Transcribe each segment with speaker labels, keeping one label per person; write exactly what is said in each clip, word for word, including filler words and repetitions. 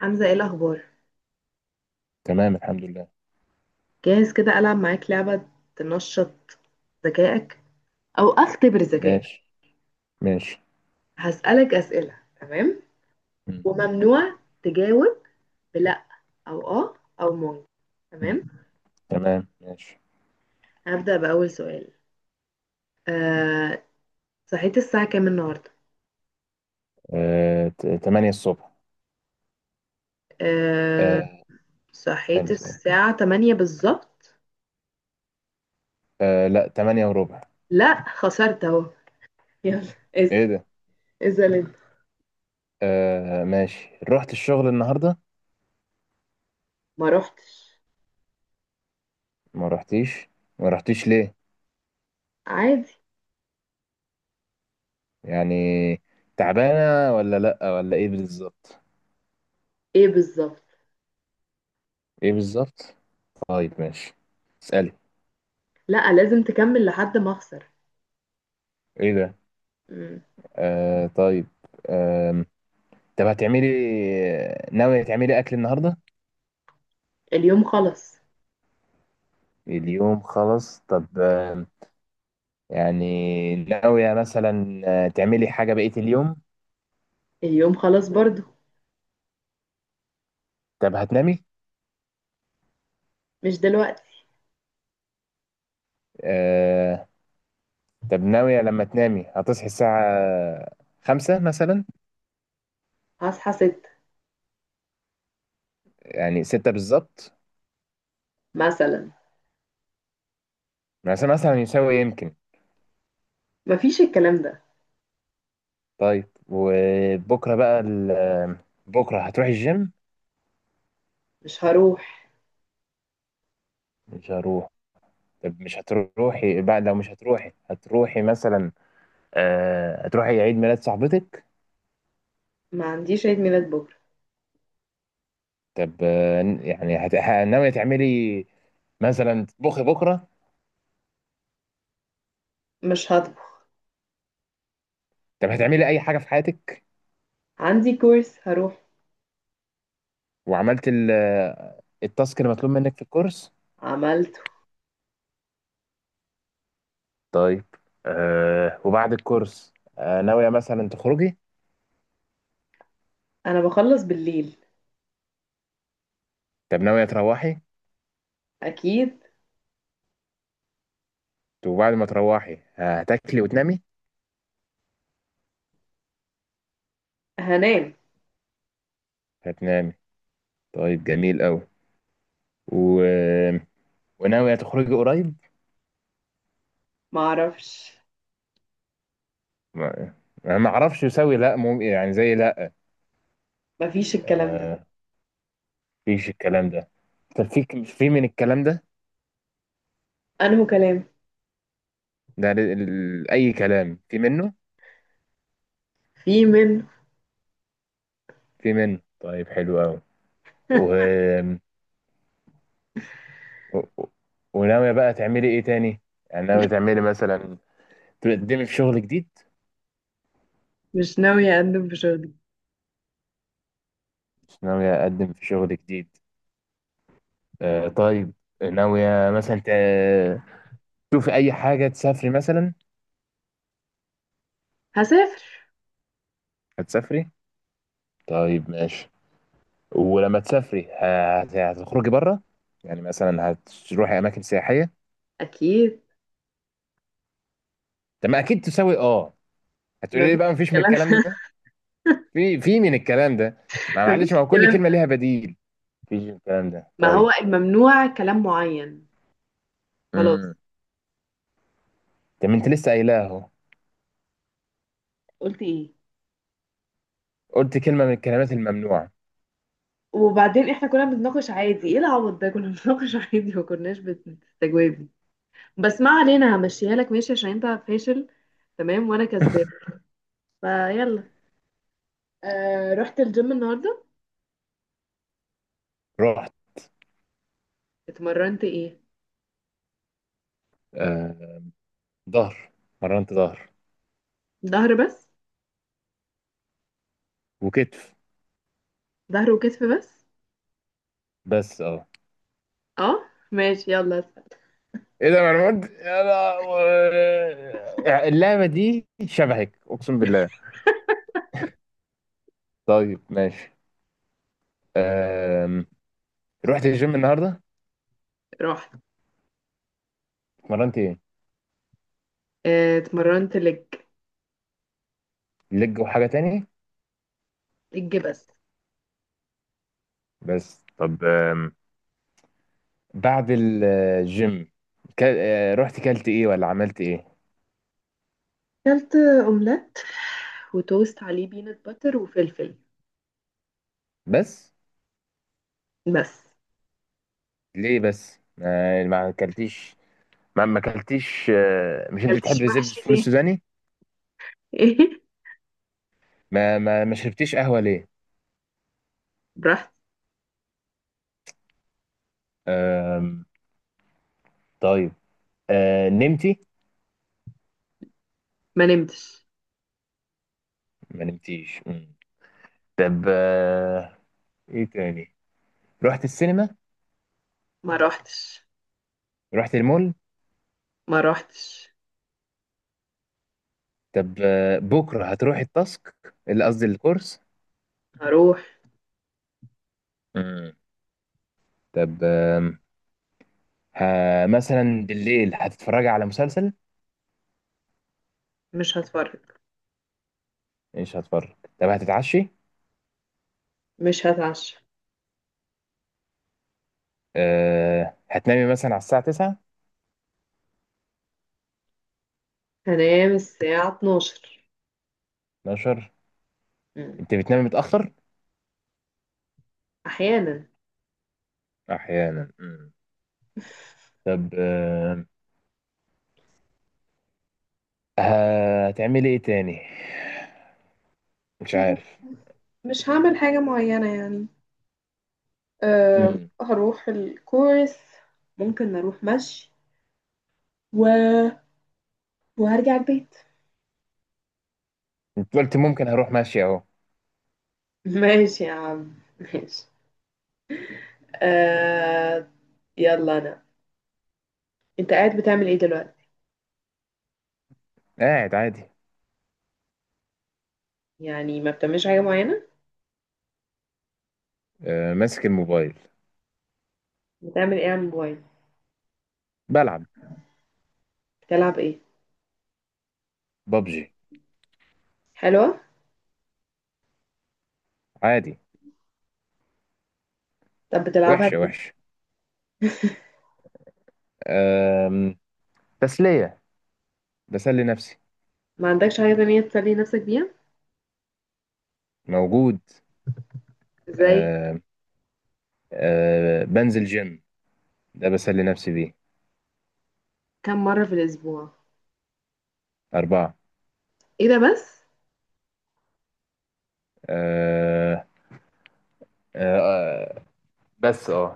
Speaker 1: حمزة، ايه الأخبار؟
Speaker 2: تمام الحمد لله.
Speaker 1: جاهز كده ألعب معاك لعبة تنشط ذكائك أو أختبر ذكائك.
Speaker 2: ماشي ماشي.
Speaker 1: هسألك أسئلة، تمام؟
Speaker 2: مم.
Speaker 1: وممنوع تجاوب بلأ أو آه أو ممكن.
Speaker 2: مم.
Speaker 1: تمام؟
Speaker 2: تمام ماشي.
Speaker 1: هبدأ بأول سؤال. آه، صحيت الساعة كام النهاردة؟
Speaker 2: آه، ت- تمانية الصبح.
Speaker 1: آه،
Speaker 2: آه،
Speaker 1: صحيت
Speaker 2: ثالث إيه؟
Speaker 1: الساعة تمانية بالظبط؟
Speaker 2: آه، لا تمانية وربع.
Speaker 1: لأ، خسرت أهو. يلا اسأل.
Speaker 2: ايه ده.
Speaker 1: اسأل أنت.
Speaker 2: آه، ماشي رحت الشغل النهاردة.
Speaker 1: ما روحتش.
Speaker 2: ما رحتيش. ما رحتيش ليه؟
Speaker 1: عادي.
Speaker 2: يعني تعبانة ولا لأ ولا ايه بالظبط؟
Speaker 1: ايه بالظبط؟
Speaker 2: ايه بالظبط. طيب ماشي، اسألي.
Speaker 1: لأ، لازم تكمل لحد ما أخسر.
Speaker 2: ايه ده.
Speaker 1: مم.
Speaker 2: آه، طيب. آم، طب هتعملي، ناوية تعملي أكل النهاردة؟
Speaker 1: اليوم خلص.
Speaker 2: اليوم خلاص طب، يعني ناوية مثلا آه، تعملي حاجة بقية اليوم؟
Speaker 1: اليوم خلاص برضو.
Speaker 2: طب هتنامي؟
Speaker 1: مش دلوقتي.
Speaker 2: آه. طب ناوية لما تنامي هتصحي الساعة خمسة مثلا؟
Speaker 1: هصحى ستة
Speaker 2: يعني ستة بالظبط؟
Speaker 1: مثلا.
Speaker 2: مثلا مثلا يساوي يمكن.
Speaker 1: مفيش الكلام ده.
Speaker 2: طيب وبكرة بقى ال- آه، بكرة هتروحي الجيم؟
Speaker 1: مش هروح.
Speaker 2: مش هروح. طب مش هتروحي بقى؟ لو مش هتروحي هتروحي مثلا آه هتروحي عيد ميلاد صاحبتك؟
Speaker 1: ما عنديش عيد ميلاد بكرة.
Speaker 2: طب آه، يعني هت... ه- ناوية تعملي مثلا تطبخي بكرة؟
Speaker 1: مش هطبخ.
Speaker 2: طب هتعملي أي حاجة في حياتك؟
Speaker 1: عندي كورس هروح.
Speaker 2: وعملت ال- التاسك اللي مطلوب منك في الكورس؟
Speaker 1: عملته.
Speaker 2: طيب. آه وبعد الكورس آه ناوية مثلا تخرجي؟
Speaker 1: انا بخلص بالليل.
Speaker 2: طب ناوية تروحي؟
Speaker 1: اكيد.
Speaker 2: طب وبعد ما تروحي هتاكلي وتنامي؟
Speaker 1: هنام.
Speaker 2: هتنامي؟ طيب جميل قوي. و... وناوية تخرجي قريب؟
Speaker 1: معرفش.
Speaker 2: ما أنا ما اعرفش يساوي لا، مم... يعني زي لا.
Speaker 1: مفيش الكلام ده.
Speaker 2: آه فيش الكلام ده. طب في في من الكلام ده.
Speaker 1: انه كلام.
Speaker 2: ده ال- ال- اي كلام في منه؟
Speaker 1: في منه.
Speaker 2: في منه. طيب حلو قوي. و- و- وناوية بقى تعملي ايه تاني؟ يعني ناوية تعملي مثلا تقدمي في شغل جديد؟
Speaker 1: مش ناوية اقدم في شغلي.
Speaker 2: مش ناوية اقدم في شغل جديد. آه طيب. ناوية مثلا ت- تشوفي اي حاجة، تسافري مثلا؟
Speaker 1: هسافر.
Speaker 2: هتسافري. طيب ماشي. ولما تسافري ه- هت- هتخرجي بره؟ يعني مثلا هتروحي اماكن سياحية؟
Speaker 1: اكيد.
Speaker 2: طب ما اكيد تساوي اه. هتقولي لي بقى
Speaker 1: مفيش
Speaker 2: مفيش من
Speaker 1: الكلام.
Speaker 2: الكلام ده. في في من الكلام ده. ما معلش، ما
Speaker 1: مفيش
Speaker 2: هو كل
Speaker 1: الكلام
Speaker 2: كلمة
Speaker 1: ده.
Speaker 2: ليها بديل. مفيش من الكلام ده
Speaker 1: ما هو
Speaker 2: طيب.
Speaker 1: الممنوع كلام معين. خلاص.
Speaker 2: امم. طب ما انت لسه قايلاه اهو.
Speaker 1: قلت ايه؟
Speaker 2: قلت كلمة من الكلمات الممنوعة.
Speaker 1: وبعدين احنا كنا بنتناقش عادي، ايه العبط ده؟ كنا بنتناقش عادي، ما كناش بتستجوابي. بس ما علينا، همشيها لك ماشي عشان انت فاشل. تمام وانا كسبان. فيلا. آه رحت الجيم النهارده.
Speaker 2: رحت.
Speaker 1: اتمرنت ايه؟
Speaker 2: آه، ظهر، مرنت ظهر
Speaker 1: ظهر بس؟
Speaker 2: وكتف
Speaker 1: ظهر وكتف بس؟
Speaker 2: بس اه.
Speaker 1: اه ماشي، يلا اسأل.
Speaker 2: ايه ده، ما انا قلت يا لهوي. اللعبة دي شبهك اقسم بالله. طيب ماشي. آم. رحت الجيم النهاردة.
Speaker 1: رحت.
Speaker 2: اتمرنت ايه؟
Speaker 1: آه اتمرنت لج.
Speaker 2: لج وحاجة تانية؟
Speaker 1: لج بس.
Speaker 2: بس. طب آم. بعد الجيم، كا- آه، رحت كلت ايه ولا عملت ايه؟
Speaker 1: اكلت اومليت وتوست عليه بينات باتر وفلفل.
Speaker 2: بس؟
Speaker 1: بس.
Speaker 2: ليه بس؟ ما ما اكلتيش؟ ما ما اكلتيش، آه، مش انت بتحب
Speaker 1: مكلتش
Speaker 2: الزبز
Speaker 1: محشي
Speaker 2: الفول
Speaker 1: ليه؟
Speaker 2: السوداني؟
Speaker 1: ايه.
Speaker 2: ما ما ما شربتيش قهوة ليه؟
Speaker 1: رحت.
Speaker 2: أم... طيب. أه... نمتي؟
Speaker 1: ما نمتش.
Speaker 2: ما نمتيش. مم. طب أه... ايه تاني؟ رحت السينما؟
Speaker 1: ما روحتش.
Speaker 2: رحت المول؟
Speaker 1: ما روحتش.
Speaker 2: طب أه... بكرة هتروحي التاسك؟ اللي قصدي الكورس؟
Speaker 1: هروح.
Speaker 2: مم. طب أم... ه... مثلا بالليل هتتفرجي على مسلسل؟
Speaker 1: مش هتفرج.
Speaker 2: مش هتفرج. طب هتتعشي؟
Speaker 1: مش هتعشى.
Speaker 2: أه... هتنامي مثلا على الساعة تسعة؟
Speaker 1: هنام الساعة اتناشر.
Speaker 2: اتناشر.
Speaker 1: مم.
Speaker 2: انت بتنامي متأخر؟
Speaker 1: أحيانا.
Speaker 2: أحيانا. مم. طب أه... هتعملي ايه تاني؟ مش عارف.
Speaker 1: مش هعمل حاجة معينة يعني. أه
Speaker 2: امم.
Speaker 1: هروح الكورس. ممكن اروح مشي و... وهرجع البيت.
Speaker 2: انت قلت ممكن هروح ماشي اهو.
Speaker 1: ماشي يا عم. ماشي. آه. يلا أنا. أنت قاعد بتعمل إيه دلوقتي؟
Speaker 2: قاعد عادي.
Speaker 1: يعني ما بتعملش حاجة معينة؟
Speaker 2: آه ماسك الموبايل.
Speaker 1: بتعمل إيه على الموبايل؟
Speaker 2: بلعب.
Speaker 1: بتلعب إيه؟
Speaker 2: ببجي.
Speaker 1: حلوة؟
Speaker 2: عادي.
Speaker 1: طب بتلعبها
Speaker 2: وحشه
Speaker 1: ليه؟
Speaker 2: وحشه. آم، تسليه، بسلي نفسي.
Speaker 1: ما عندكش حاجة تانية تسلي نفسك بيها؟
Speaker 2: موجود.
Speaker 1: زي؟
Speaker 2: آه. آه بنزل جيم، ده بسلي نفسي بيه.
Speaker 1: كم مرة في الأسبوع؟
Speaker 2: أربعة.
Speaker 1: ايه ده بس.
Speaker 2: آه آه آه بس اه.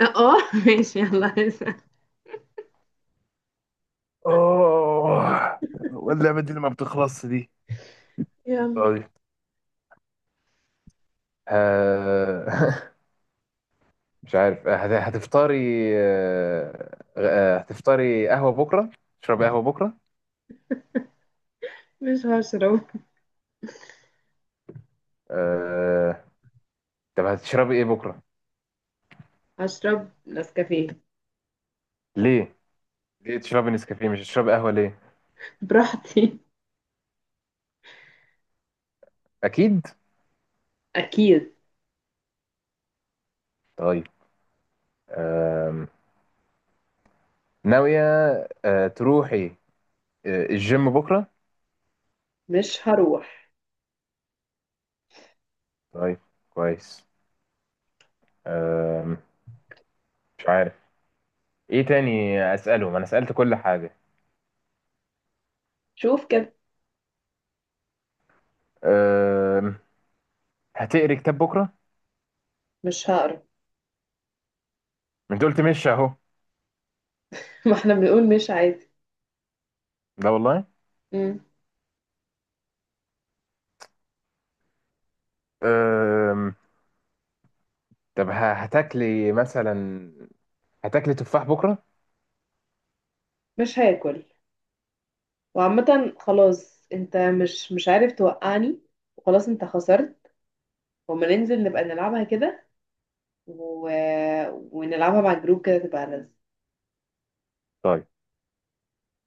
Speaker 1: اه ماشي، يلا هسأل.
Speaker 2: اوه، واللعبة دي اللي ما بتخلصش دي.
Speaker 1: يلا.
Speaker 2: طيب. آه مش عارف. آه، هت- هتفطري، آه، آه، هتفطري قهوة بكرة؟ تشربي قهوة بكرة؟
Speaker 1: مش هشرب.
Speaker 2: آه، طب هتشربي ايه بكرة؟
Speaker 1: هشرب نسكافيه.
Speaker 2: ليه ليه تشربي نسكافيه؟ مش هتشربي قهوة ليه؟
Speaker 1: براحتي.
Speaker 2: اكيد.
Speaker 1: اكيد.
Speaker 2: طيب. آم، ناوية آه، تروحي آه، الجيم بكرة؟
Speaker 1: مش هروح.
Speaker 2: طيب كويس. آم، مش عارف ايه تاني اسأله، ما انا سألت كل حاجة.
Speaker 1: شوف كده.
Speaker 2: آم، هتقري كتاب بكرة؟
Speaker 1: مش هقرا.
Speaker 2: ما انت قلت مش اهو.
Speaker 1: ما احنا بنقول مش عادي.
Speaker 2: لا والله.
Speaker 1: مم.
Speaker 2: آم، طب ه- هتاكلي مثلا، هتاكلي تفاح بكره؟
Speaker 1: مش هاكل. وعامة خلاص، انت مش مش عارف توقعني. وخلاص انت خسرت. وما ننزل نبقى نلعبها كده و... ونلعبها مع الجروب كده، تبقى لذيذ.
Speaker 2: طيب